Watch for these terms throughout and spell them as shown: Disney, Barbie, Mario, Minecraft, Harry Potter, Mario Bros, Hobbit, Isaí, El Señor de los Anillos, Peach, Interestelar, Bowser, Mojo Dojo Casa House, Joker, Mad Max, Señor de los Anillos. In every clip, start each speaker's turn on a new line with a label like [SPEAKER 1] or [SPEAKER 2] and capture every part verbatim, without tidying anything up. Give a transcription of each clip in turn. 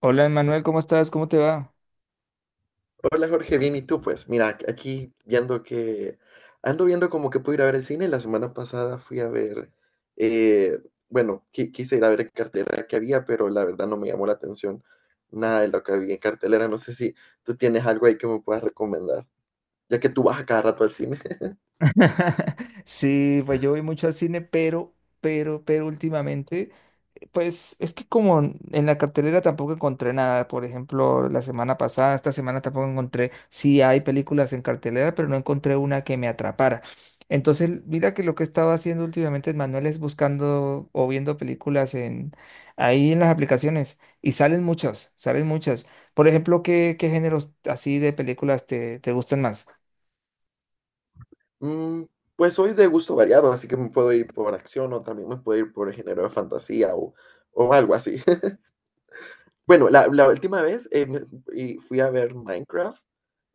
[SPEAKER 1] Hola, Manuel, ¿cómo estás? ¿Cómo te va?
[SPEAKER 2] Hola Jorge, bien, ¿y tú? Pues mira, ac- aquí viendo que ando viendo como que puedo ir a ver el cine. La semana pasada fui a ver, eh, bueno, qui- quise ir a ver en cartelera que había, pero la verdad no me llamó la atención nada de lo que había en cartelera. No sé si tú tienes algo ahí que me puedas recomendar, ya que tú vas a cada rato al cine.
[SPEAKER 1] Sí, pues yo voy mucho al cine, pero, pero, pero últimamente, pues es que como en la cartelera tampoco encontré nada, por ejemplo, la semana pasada, esta semana tampoco encontré, sí hay películas en cartelera, pero no encontré una que me atrapara. Entonces, mira que lo que he estado haciendo últimamente, Manuel, es buscando o viendo películas en ahí en las aplicaciones y salen muchas, salen muchas. Por ejemplo, ¿qué, qué géneros así de películas te, te gustan más?
[SPEAKER 2] Mm, pues soy de gusto variado, así que me puedo ir por acción o también me puedo ir por el género de fantasía o, o algo así. Bueno, la, la última vez eh, me- y fui a ver Minecraft.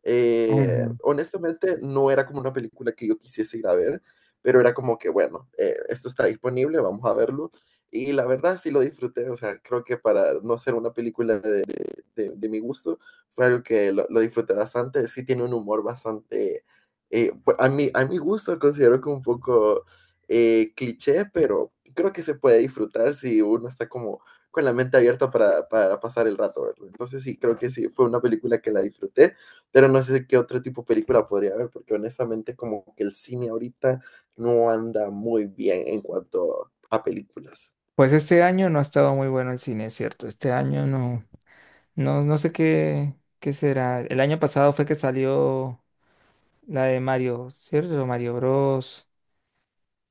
[SPEAKER 2] Eh,
[SPEAKER 1] Ajá.
[SPEAKER 2] honestamente, no era como una película que yo quisiese ir a ver, pero era como que, bueno, eh, esto está disponible, vamos a verlo. Y la verdad sí lo disfruté, o sea, creo que para no ser una película de de, de mi gusto, fue algo que lo, lo, disfruté bastante. Sí tiene un humor bastante, eh, pues, a, mi, a mi gusto considero que un poco eh, cliché, pero creo que se puede disfrutar si uno está como con la mente abierta para, para pasar el rato, ¿verdad? Entonces sí, creo que sí, fue una película que la disfruté, pero no sé qué otro tipo de película podría haber, porque honestamente como que el cine ahorita no anda muy bien en cuanto a películas.
[SPEAKER 1] Pues este año no ha estado muy bueno el cine, es cierto. Este año no, no, no sé qué, qué será. El año pasado fue que salió la de Mario, ¿cierto? Mario Bros.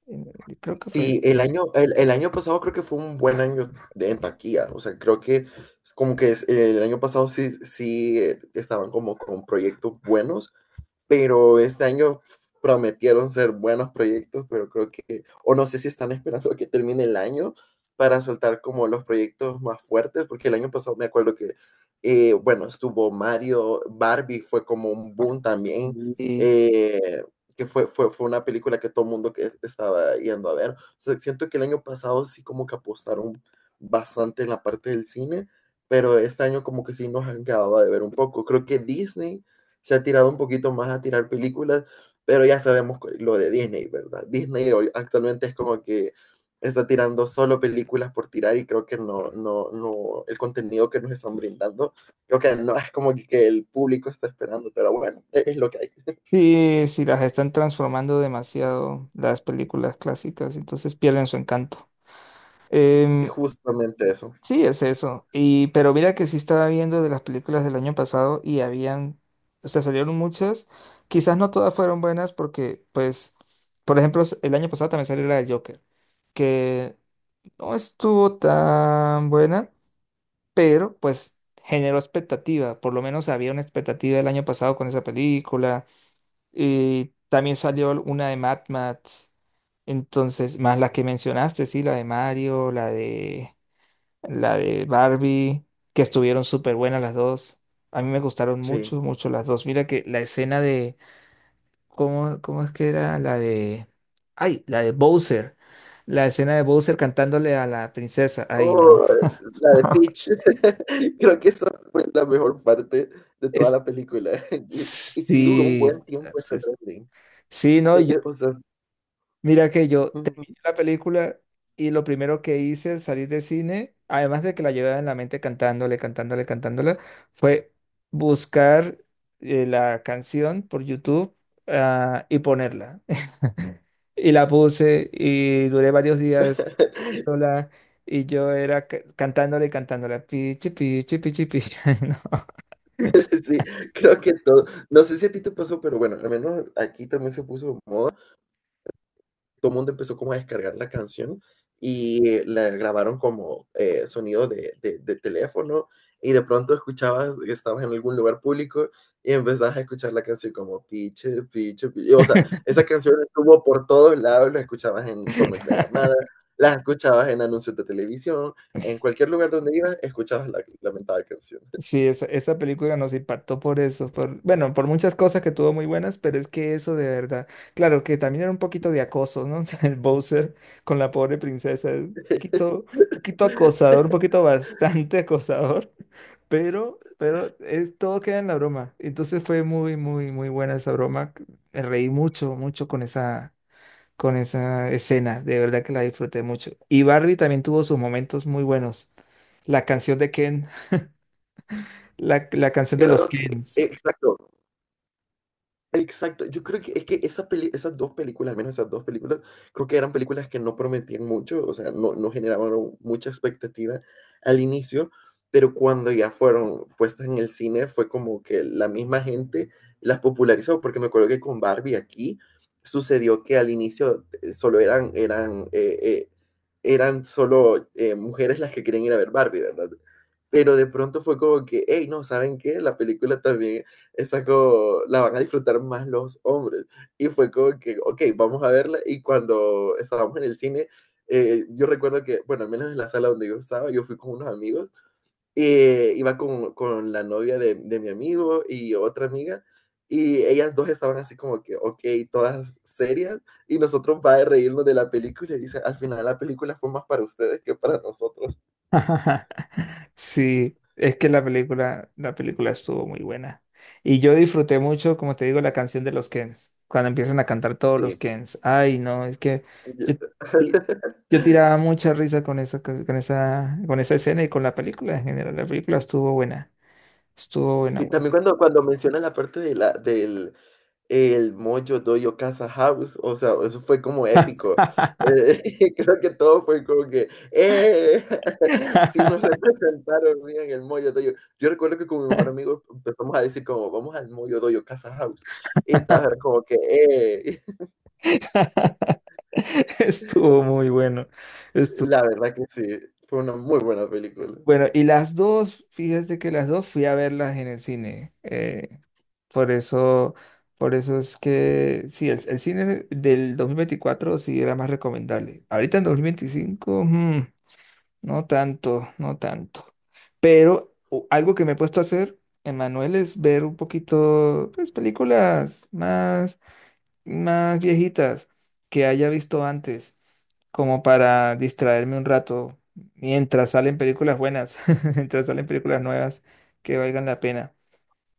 [SPEAKER 1] eh, Creo que fue.
[SPEAKER 2] Sí, el año, el, el año pasado creo que fue un buen año de, en taquilla. O sea, creo que es como que es- el año pasado sí, sí eh, estaban como con proyectos buenos, pero este año prometieron ser buenos proyectos, pero creo que, o no sé si están esperando a que termine el año para soltar como los proyectos más fuertes, porque el año pasado me acuerdo que, eh, bueno, estuvo Mario, Barbie fue como un
[SPEAKER 1] Ah,
[SPEAKER 2] boom también,
[SPEAKER 1] sí,
[SPEAKER 2] eh, que fue, fue, fue una película que todo el mundo que estaba yendo a ver. O sea, siento que el año pasado sí como que apostaron bastante en la parte del cine, pero este año como que sí nos han quedado de ver un poco. Creo que Disney se ha tirado un poquito más a tirar películas, pero ya sabemos lo de Disney, ¿verdad? Disney actualmente es como que está tirando solo películas por tirar y creo que no, no, no, el contenido que nos están brindando, creo que no es como que el público está esperando, pero bueno, e- es lo que hay,
[SPEAKER 1] sí, sí, las están transformando demasiado las películas clásicas, entonces pierden su encanto.
[SPEAKER 2] es
[SPEAKER 1] Em,
[SPEAKER 2] justamente eso.
[SPEAKER 1] Sí, es eso. Y pero mira que sí estaba viendo de las películas del año pasado y habían, o sea, salieron muchas. Quizás no todas fueron buenas porque, pues, por ejemplo, s- el año pasado también salió la de Joker, que no estuvo tan buena, pero pues generó expectativa. Por lo menos había una expectativa el año pasado con esa película. Y también salió una de Mad Max. Entonces, más la que mencionaste, sí, la de Mario, la de la de Barbie, que estuvieron súper buenas las dos. A mí me gustaron
[SPEAKER 2] Sí.
[SPEAKER 1] mucho, mucho las dos. Mira que la escena de, ¿cómo, cómo es que era? La de, ay, la de Bowser. La escena de Bowser cantándole a la princesa. Ay, no.
[SPEAKER 2] Oh, la de Peach. Creo que esa fue la mejor parte de toda
[SPEAKER 1] Es,
[SPEAKER 2] la película. Y, y sí duró un
[SPEAKER 1] sí,
[SPEAKER 2] buen tiempo
[SPEAKER 1] es-
[SPEAKER 2] ese
[SPEAKER 1] es-
[SPEAKER 2] trending.
[SPEAKER 1] sí, no,
[SPEAKER 2] E- e- o sea,
[SPEAKER 1] mira que yo
[SPEAKER 2] ujú.
[SPEAKER 1] terminé la película y lo primero que hice al salir del cine, además de que la llevaba en la mente cantándole, cantándole, cantándola, fue buscar eh, la canción por YouTube, ah, y ponerla. Y la puse y duré varios días cantándola y yo era ca- cantándole, cantándola. Pichi, pichi, pichi, pichi. No.
[SPEAKER 2] Sí, creo que todo. No sé si a ti te pasó, pero bueno, al menos aquí también se puso de moda. Todo el mundo empezó como a descargar la canción y eh, la grabaron como eh, sonido de, de, de teléfono y de pronto escuchabas que estabas en algún lugar público y empezabas a escuchar la canción como piche, piche, piche. O sea, esa canción estuvo por todos lados, la escuchabas en tono de llamada, la escuchabas en anuncios de televisión, en cualquier lugar donde ibas, escuchabas la lamentada canción.
[SPEAKER 1] Sí, esa, esa película nos impactó por eso, por, bueno, por muchas cosas que tuvo muy buenas, pero es que eso de verdad, claro que también era un poquito de acoso, ¿no? O sea, el Bowser con la pobre princesa, un poquito, un poquito acosador, un poquito bastante acosador, pero, pero es, todo queda en la broma. Entonces fue muy, muy, muy buena esa broma. Me reí mucho, mucho con esa, con esa escena, de verdad que la disfruté mucho. Y Barbie también tuvo sus momentos muy buenos. La canción de Ken. La, la canción de los
[SPEAKER 2] Creo que,
[SPEAKER 1] Kens.
[SPEAKER 2] exacto, exacto, yo creo que es que esas, peli- esas dos películas, al menos esas dos películas, creo que eran películas que no prometían mucho, o sea, no, no generaban mucha expectativa al inicio, pero cuando ya fueron puestas en el cine fue como que la misma gente las popularizó, porque me acuerdo que con Barbie aquí sucedió que al inicio eh, solo eran, eran, eh, eh, eran solo eh, mujeres las que querían ir a ver Barbie, ¿verdad? Pero de pronto fue como que, hey, no, ¿saben qué? La película también esa como, la van a disfrutar más los hombres. Y fue como que, ok, vamos a verla. Y cuando estábamos en el cine, eh, yo recuerdo que, bueno, al menos en la sala donde yo estaba, yo fui con unos amigos, eh, iba con, con la novia de, de mi amigo y otra amiga, y ellas dos estaban así como que, ok, todas serias, y nosotros va a reírnos de la película, y dice, al final la película fue más para ustedes que para nosotros.
[SPEAKER 1] Sí, es que la película, la película estuvo muy buena. Y yo disfruté mucho, como te digo, la canción de los Kens. Cuando empiezan a cantar todos los
[SPEAKER 2] Sí.
[SPEAKER 1] Kens. Ay, no, es que yo,
[SPEAKER 2] yo-
[SPEAKER 1] ti- yo tiraba mucha risa con esa, con con esa, con esa escena y con la película en general. La película estuvo buena. Estuvo buena,
[SPEAKER 2] Sí, también
[SPEAKER 1] buena.
[SPEAKER 2] cuando, cuando mencionas la parte de la, del El Mojo Dojo Casa House, o sea, eso fue como épico. Eh, creo que todo fue como que, eh, sí nos representaron bien el Mojo Dojo. Yo recuerdo que con mi mejor amigo empezamos a decir como, vamos al Mojo Dojo Casa House, y todos era como que, eh,
[SPEAKER 1] Estuvo muy bueno.
[SPEAKER 2] la verdad que sí, fue una muy buena película.
[SPEAKER 1] Bueno, y las dos, fíjate que las dos fui a verlas en el cine. Eh, por eso, por eso es que sí, el, el cine del dos mil veinticuatro sí era más recomendable. Ahorita en dos mil veinticinco, mm, no tanto, no tanto. Pero o- algo que me he puesto a hacer, Emanuel, es ver un poquito, pues, películas más más viejitas que haya visto antes, como para distraerme un rato mientras salen películas buenas, mientras salen películas nuevas que valgan la pena.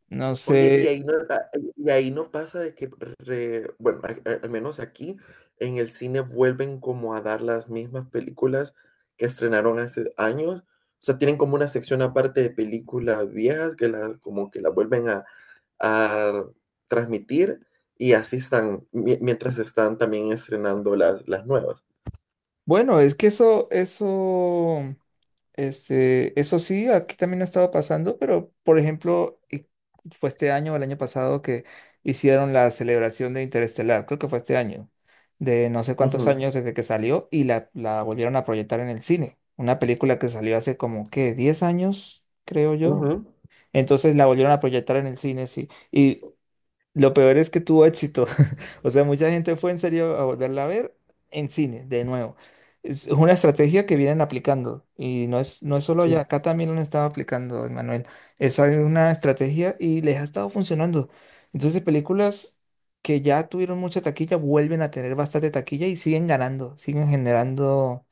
[SPEAKER 1] No
[SPEAKER 2] Oye, y
[SPEAKER 1] sé.
[SPEAKER 2] ahí no, a- y ahí no pasa de que, re- bueno, al al menos aquí en el cine vuelven como a dar las mismas películas que estrenaron hace años. O sea, tienen como una sección aparte de películas viejas que la, como que la vuelven a, a transmitir y así están, mi- mientras están también estrenando las, las nuevas.
[SPEAKER 1] Bueno, es que eso, eso, este, eso sí, aquí también ha estado pasando, pero por ejemplo, y fue este año o el año pasado que hicieron la celebración de Interestelar, creo que fue este año, de no sé cuántos
[SPEAKER 2] Ujú,
[SPEAKER 1] años desde que salió y la, la volvieron a proyectar en el cine. Una película que salió hace como, ¿qué? Diez años, creo yo.
[SPEAKER 2] ujú,
[SPEAKER 1] Entonces la volvieron a proyectar en el cine, sí. Y lo peor es que tuvo éxito. O sea, mucha gente fue en serio a volverla a ver en cine, de nuevo. Es una estrategia que vienen aplicando. Y no es, no es solo allá,
[SPEAKER 2] sí.
[SPEAKER 1] acá también lo han estado aplicando, Emanuel. Esa es una estrategia y les ha estado funcionando. Entonces, películas que ya tuvieron mucha taquilla vuelven a tener bastante taquilla y siguen ganando, siguen generando,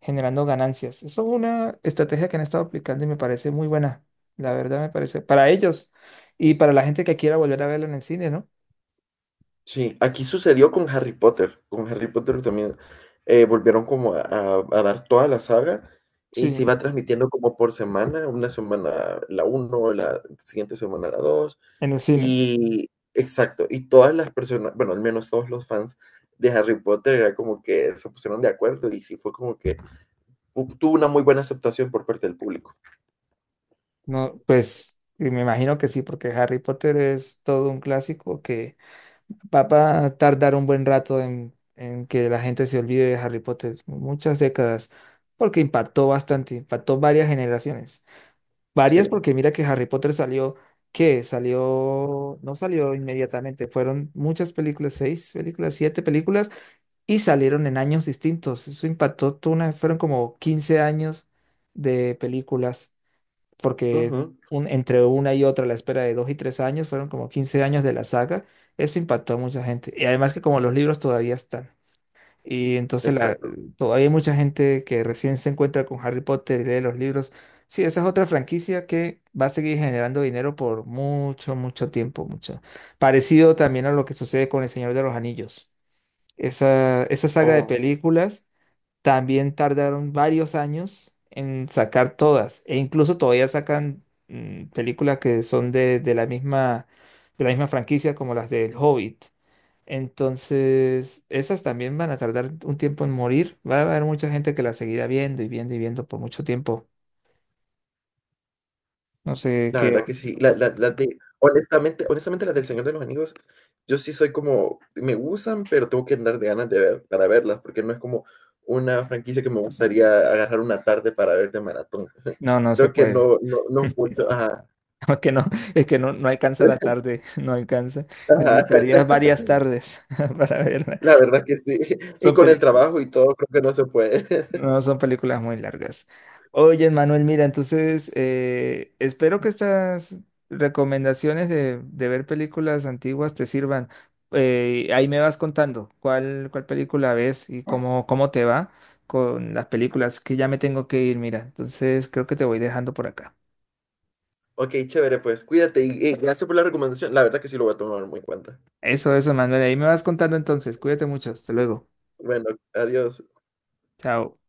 [SPEAKER 1] generando ganancias. Eso es una estrategia que han estado aplicando y me parece muy buena. La verdad me parece, para ellos y para la gente que quiera volver a verla en el cine, ¿no?
[SPEAKER 2] Sí, aquí sucedió con Harry Potter. Con Harry Potter también eh, volvieron como a, a- a dar toda la saga y se
[SPEAKER 1] Sí,
[SPEAKER 2] iba transmitiendo como por semana, una semana la uno, la siguiente semana la dos
[SPEAKER 1] en el cine.
[SPEAKER 2] y exacto, y todas las personas, bueno, al menos todos los fans de Harry Potter era como que se pusieron de acuerdo y sí fue como que hu- tuvo una muy buena aceptación por parte del público.
[SPEAKER 1] No, pues y me imagino que sí, porque Harry Potter es todo un clásico que va a tardar un buen rato en, en que la gente se olvide de Harry Potter, muchas décadas, porque impactó bastante, impactó varias generaciones.
[SPEAKER 2] Sí,
[SPEAKER 1] Varias porque mira que Harry Potter salió, ¿qué? Salió, no salió inmediatamente, fueron muchas películas, seis películas, siete películas, y salieron en años distintos. Eso impactó, toda una- fueron como quince años de películas porque
[SPEAKER 2] ujú,
[SPEAKER 1] un, entre una y otra, la espera de dos y tres años, fueron como quince años de la saga, eso impactó a mucha gente. Y además que como los libros todavía están, y entonces la,
[SPEAKER 2] exacto.
[SPEAKER 1] todavía hay mucha gente que recién se encuentra con Harry Potter y lee los libros. Sí, esa es otra franquicia que va a seguir generando dinero por mucho, mucho tiempo, mucho. Parecido también a lo que sucede con El Señor de los Anillos. Esa, esa saga de
[SPEAKER 2] Oh.
[SPEAKER 1] películas. También tardaron varios años en sacar todas, e incluso todavía sacan mm, películas que son de, de la misma, de la misma franquicia como las del Hobbit. Entonces, esas también van a tardar un tiempo en morir. Va a haber mucha gente que las seguirá viendo y viendo y viendo por mucho tiempo. No sé
[SPEAKER 2] La
[SPEAKER 1] qué.
[SPEAKER 2] verdad que sí. La la Las de honestamente, honestamente, las del Señor de los Anillos, yo sí soy como me gustan, pero tengo que andar de ganas de ver para verlas, porque no es como una franquicia que me gustaría agarrar una tarde para ver de maratón.
[SPEAKER 1] No, no se
[SPEAKER 2] Creo que
[SPEAKER 1] puede.
[SPEAKER 2] no no no es mucho, ajá,
[SPEAKER 1] Es que no, es que no, no alcanza la tarde, no alcanza.
[SPEAKER 2] ajá,
[SPEAKER 1] Necesitarías varias tardes para verla.
[SPEAKER 2] la verdad que sí. Y
[SPEAKER 1] Son
[SPEAKER 2] con el
[SPEAKER 1] pelic-
[SPEAKER 2] trabajo y todo, creo que no se puede.
[SPEAKER 1] No, son películas muy largas. Oye, Manuel, mira, entonces eh, espero que estas recomendaciones de, de ver películas antiguas te sirvan. Eh, ahí me vas contando cuál, cuál película ves y cómo, cómo te va con las películas, que ya me tengo que ir, mira. Entonces creo que te voy dejando por acá.
[SPEAKER 2] Okey, chévere, pues cuídate y y gracias por la recomendación. La verdad que sí lo voy a tomar muy en cuenta.
[SPEAKER 1] Eso, eso, Manuel. Ahí me vas contando entonces. Cuídate mucho. Hasta luego.
[SPEAKER 2] Bueno, adiós.
[SPEAKER 1] Chao.